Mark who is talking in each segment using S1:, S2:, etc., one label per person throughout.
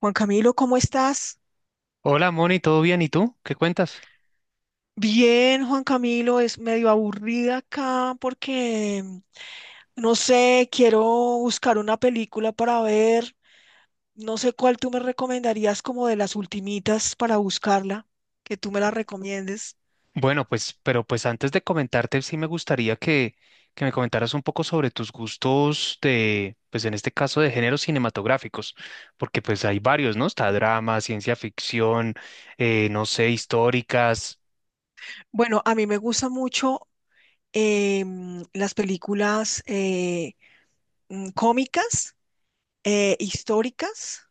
S1: Juan Camilo, ¿cómo estás?
S2: Hola Moni, ¿todo bien? ¿Y tú? ¿Qué cuentas?
S1: Bien, Juan Camilo, es medio aburrida acá porque, no sé, quiero buscar una película para ver. No sé cuál tú me recomendarías como de las ultimitas para buscarla, que tú me la recomiendes.
S2: Bueno, pues, pero pues antes de comentarte, sí me gustaría que me comentaras un poco sobre tus gustos de, pues en este caso, de géneros cinematográficos, porque pues hay varios, ¿no? Está drama, ciencia ficción, no sé, históricas.
S1: Bueno, a mí me gustan mucho las películas cómicas, históricas.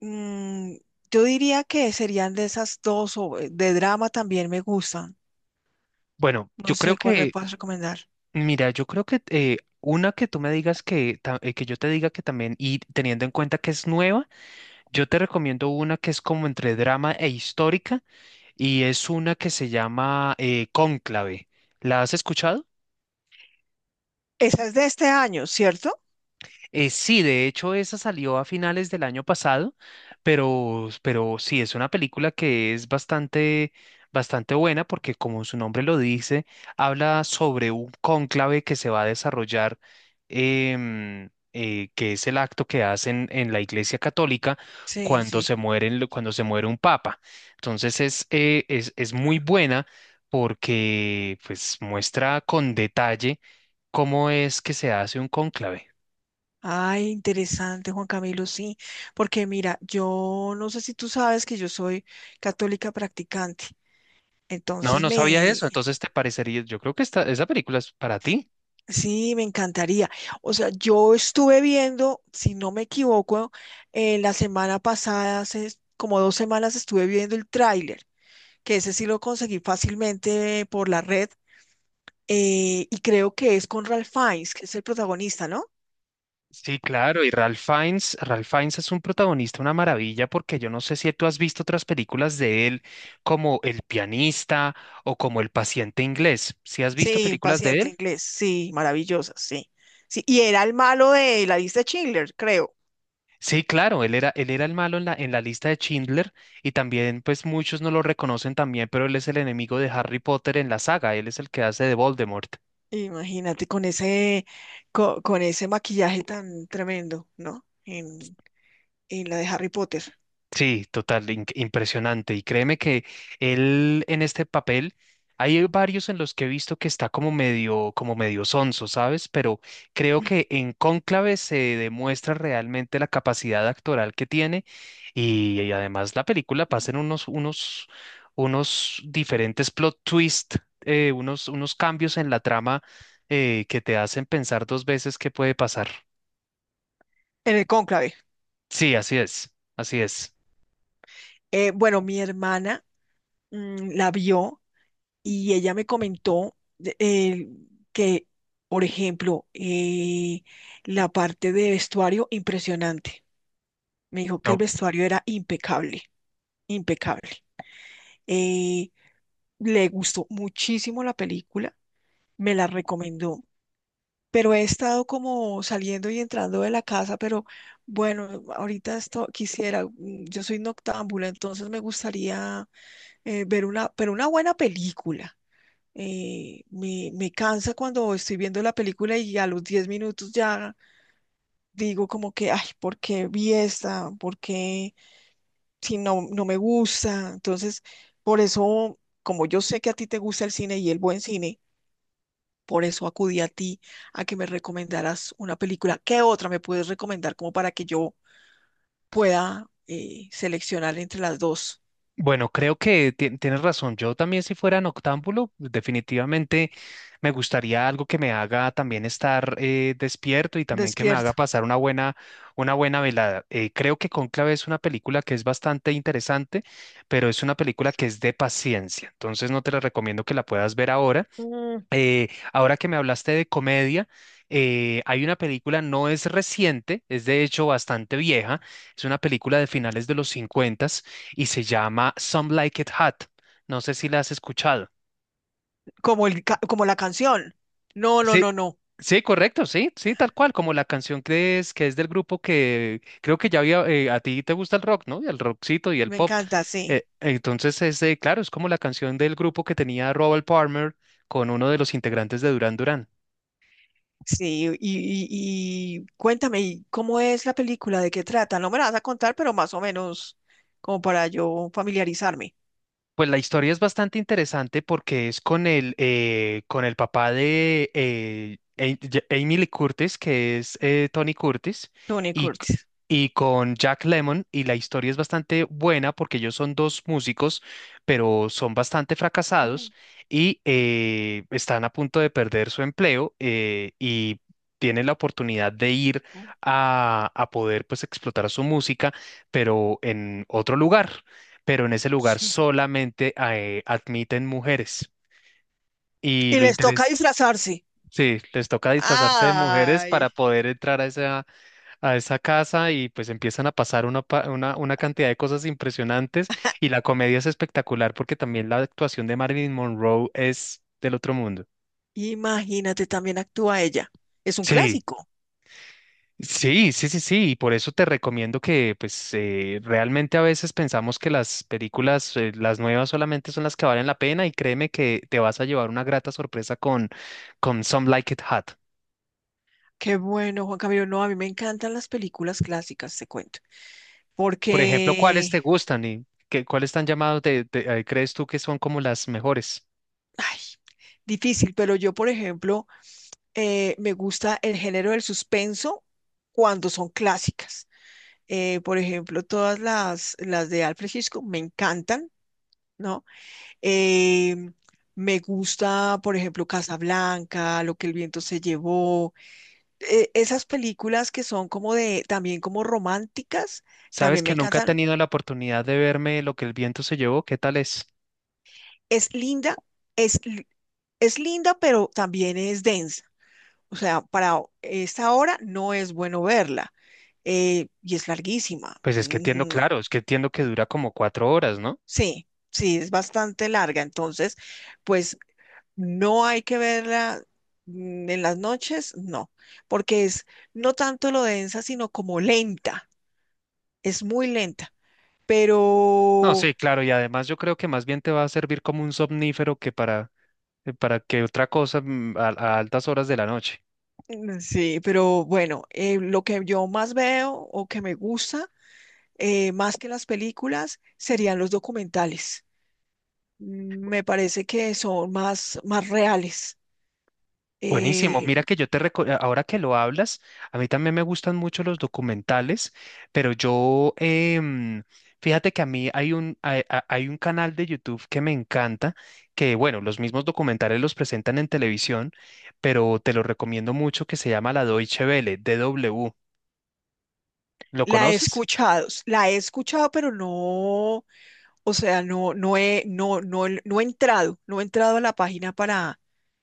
S1: Mm, yo diría que serían de esas dos, o de drama también me gustan.
S2: Bueno,
S1: No sé cuál me puedas recomendar.
S2: mira, yo creo que una que tú me digas que, que yo te diga que también, y teniendo en cuenta que es nueva, yo te recomiendo una que es como entre drama e histórica y es una que se llama Cónclave. ¿La has escuchado?
S1: Esa es de este año, ¿cierto?
S2: Sí, de hecho, esa salió a finales del año pasado, pero sí, es una película que es bastante, bastante buena porque, como su nombre lo dice, habla sobre un cónclave que se va a desarrollar, que es el acto que hacen en la Iglesia Católica
S1: Sí,
S2: cuando
S1: sí.
S2: cuando se muere un papa. Entonces es muy buena porque pues, muestra con detalle cómo es que se hace un cónclave.
S1: Ay, interesante, Juan Camilo, sí, porque mira, yo no sé si tú sabes que yo soy católica practicante,
S2: No,
S1: entonces
S2: no sabía
S1: me,
S2: eso. Entonces te parecería, yo creo que esa película es para ti.
S1: sí, me encantaría. O sea, yo estuve viendo, si no me equivoco, la semana pasada, hace como 2 semanas estuve viendo el tráiler, que ese sí lo conseguí fácilmente por la red, y creo que es con Ralph Fiennes, que es el protagonista, ¿no?
S2: Sí, claro. Y Ralph Fiennes es un protagonista, una maravilla, porque yo no sé si tú has visto otras películas de él, como El pianista o como El paciente inglés. ¿Sí has visto
S1: Sí,
S2: películas de
S1: paciente
S2: él?
S1: inglés, sí, maravillosa, sí. Sí, y era el malo de la lista de Schindler, creo.
S2: Sí, claro, él era el malo en la lista de Schindler y también, pues muchos no lo reconocen también, pero él es el enemigo de Harry Potter en la saga, él es el que hace de Voldemort.
S1: Imagínate con ese, ese maquillaje tan tremendo, ¿no? En la de Harry Potter,
S2: Sí, total, impresionante. Y créeme que él en este papel, hay varios en los que he visto que está como medio sonso, ¿sabes? Pero creo que en Cónclave se demuestra realmente la capacidad actoral que tiene y además la película pasa en unos diferentes plot twist, unos cambios en la trama que te hacen pensar dos veces qué puede pasar.
S1: en el cónclave.
S2: Sí, así es, así es.
S1: Bueno, mi hermana la vio y ella me comentó que, por ejemplo, la parte de vestuario, impresionante. Me dijo que el vestuario era impecable, impecable. Eh, le gustó muchísimo la película, me la recomendó, pero he estado como saliendo y entrando de la casa, pero bueno, ahorita esto quisiera, mm, yo soy noctámbula, entonces me gustaría ver una, pero una buena película. Me cansa cuando estoy viendo la película y a los 10 minutos ya digo como que, ay, ¿por qué vi esta? ¿Por qué? Si no, no me gusta. Entonces, por eso, como yo sé que a ti te gusta el cine y el buen cine, por eso acudí a ti a que me recomendaras una película. ¿Qué otra me puedes recomendar como para que yo pueda seleccionar entre las dos?
S2: Bueno, creo que tienes razón. Yo también si fuera noctámbulo, definitivamente me gustaría algo que me haga también estar despierto y también que me haga
S1: Despierto.
S2: pasar una buena velada. Creo que Cónclave es una película que es bastante interesante, pero es una película que es de paciencia. Entonces no te la recomiendo que la puedas ver ahora.
S1: Mm,
S2: Ahora que me hablaste de comedia, hay una película, no es reciente, es de hecho bastante vieja, es una película de finales de los 50 y se llama Some Like It Hot. No sé si la has escuchado.
S1: como como la canción. No, no,
S2: Sí,
S1: no, no.
S2: sí, correcto, sí, sí, tal cual, como la canción que es del grupo que creo que ya había, a ti te gusta el rock, ¿no? Y el rockcito y el
S1: Me
S2: pop.
S1: encanta, sí.
S2: Entonces, claro, es como la canción del grupo que tenía Robert Palmer con uno de los integrantes de Duran Duran.
S1: Sí, y cuéntame, ¿cómo es la película? ¿De qué trata? No me la vas a contar, pero más o menos como para yo familiarizarme.
S2: Pues la historia es bastante interesante porque es con el papá de Jamie Lee Curtis, que es Tony Curtis,
S1: Tony
S2: y, c-
S1: Curtis.
S2: y con Jack Lemmon. Y la historia es bastante buena porque ellos son dos músicos, pero son bastante
S1: Oh,
S2: fracasados y están a punto de perder su empleo y tienen la oportunidad de ir
S1: oh.
S2: a poder pues explotar su música, pero en otro lugar pero en ese lugar
S1: Sí.
S2: solamente admiten mujeres. Y
S1: Y
S2: lo
S1: les toca
S2: interés,
S1: disfrazarse.
S2: sí, les toca disfrazarse de mujeres
S1: Ay,
S2: para poder entrar a esa casa y pues empiezan a pasar una cantidad de cosas impresionantes y la comedia es espectacular porque también la actuación de Marilyn Monroe es del otro mundo.
S1: imagínate, también actúa ella. Es un
S2: Sí,
S1: clásico.
S2: sí, sí, sí, sí, y por eso te recomiendo que, pues, realmente a veces pensamos que las películas, las nuevas solamente son las que valen la pena y créeme que te vas a llevar una grata sorpresa con Some Like It Hot.
S1: Qué bueno, Juan Camilo. No, a mí me encantan las películas clásicas, te cuento.
S2: Por ejemplo, ¿cuáles
S1: Porque,
S2: te gustan y qué, cuáles están llamados de, crees tú que son como las mejores?
S1: ay, difícil, pero yo, por ejemplo, me gusta el género del suspenso cuando son clásicas. Por ejemplo, todas las de Alfred Hitchcock me encantan, ¿no? Eh, me gusta, por ejemplo, Casablanca, Lo que el viento se llevó. Esas películas que son como de, también como románticas,
S2: Sabes
S1: también me
S2: que nunca he
S1: encantan.
S2: tenido la oportunidad de verme Lo que el viento se llevó, ¿qué tal es?
S1: Es linda, es, li- es linda, pero también es densa. O sea, para esta hora no es bueno verla. Y es larguísima.
S2: Pues es que entiendo,
S1: No.
S2: claro, es que entiendo que dura como 4 horas, ¿no?
S1: Sí, sí, es bastante larga. Entonces, pues no hay que verla, mm, en las noches, no, porque es no tanto lo densa, sino como lenta. Es muy lenta,
S2: No,
S1: pero
S2: sí, claro, y además yo creo que más bien te va a servir como un somnífero que para que otra cosa a altas horas de la noche.
S1: mm, sí, pero bueno, lo que yo más veo o que me gusta, más que las películas, serían los documentales. Mm. Me parece que son más, más reales.
S2: Buenísimo,
S1: Eh,
S2: mira que yo ahora que lo hablas, a mí también me gustan mucho los documentales, pero yo, fíjate que a mí hay un canal de YouTube que me encanta, que bueno, los mismos documentales los presentan en televisión, pero te lo recomiendo mucho, que se llama La Deutsche Welle, DW. ¿Lo conoces?
S1: la he escuchado, pero no. O sea, no he entrado, no he entrado a la página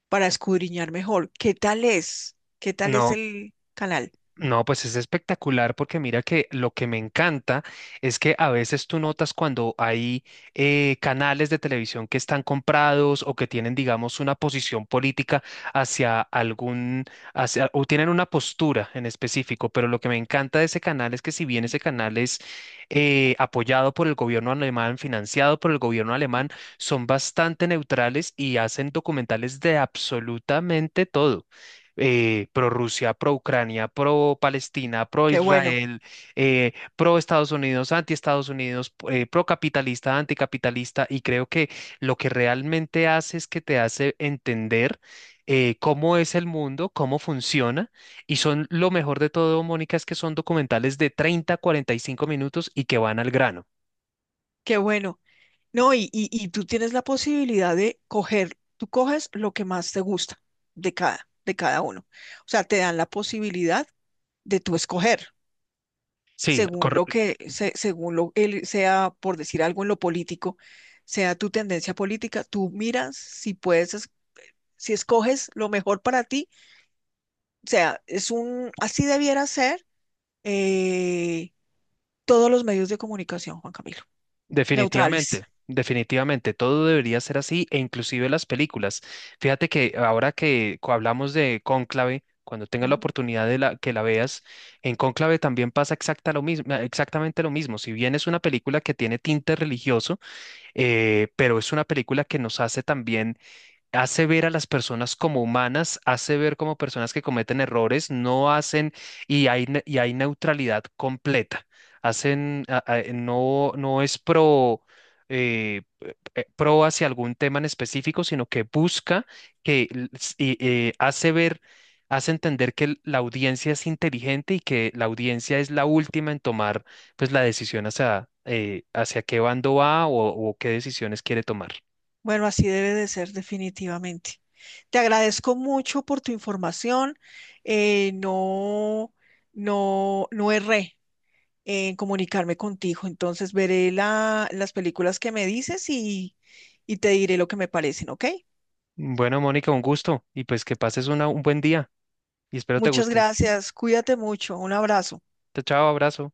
S1: para escudriñar mejor. ¿Qué tal es? ¿Qué tal es
S2: No.
S1: el canal?
S2: No, pues es espectacular porque mira que lo que me encanta es que a veces tú notas cuando hay canales de televisión que están comprados o que tienen, digamos, una posición política hacia algún, o tienen una postura en específico, pero lo que me encanta de ese canal es que si bien ese canal es apoyado por el gobierno alemán, financiado por el gobierno alemán, son bastante neutrales y hacen documentales de absolutamente todo pro Rusia, pro Ucrania, pro Palestina, pro
S1: Qué bueno,
S2: Israel, pro Estados Unidos, anti Estados Unidos, pro capitalista, anticapitalista, y creo que lo que realmente hace es que te hace entender cómo es el mundo, cómo funciona, y son lo mejor de todo, Mónica, es que son documentales de 30, 45 minutos y que van al grano.
S1: qué bueno. No, y tú tienes la posibilidad de coger, tú coges lo que más te gusta de cada uno. O sea, te dan la posibilidad de tú escoger
S2: Sí,
S1: según según lo él sea, por decir algo en lo político, sea tu tendencia política, tú miras si puedes, si escoges lo mejor para ti. O sea, es un, así debiera ser eh, todos los medios de comunicación, Juan Camilo,
S2: definitivamente,
S1: neutrales.
S2: definitivamente, todo debería ser así e inclusive las películas. Fíjate que ahora que hablamos de Cónclave, cuando tengas la
S1: Ujú.
S2: oportunidad de que la veas, en Cónclave también pasa exacta lo mismo, exactamente lo mismo. Si bien es una película que tiene tinte religioso, pero es una película que nos hace también, hace ver a las personas como humanas, hace ver como personas que cometen errores, no hacen y y hay neutralidad completa. No, no es pro, eh, pro hacia algún tema en específico, sino que busca que l- s- y, hace ver, hace entender que la audiencia es inteligente y que la audiencia es la última en tomar pues la decisión hacia qué bando va o qué decisiones quiere tomar.
S1: Bueno, así debe de ser definitivamente. Te agradezco mucho por tu información. eh, no, no, no erré en comunicarme contigo. Entonces veré las películas que me dices y te diré lo que me parecen, ¿ok?
S2: Bueno, Mónica, un gusto y pues que pases un buen día y espero te
S1: Muchas
S2: gusten.
S1: gracias. Cuídate mucho. Un abrazo.
S2: Chao, chao, abrazo.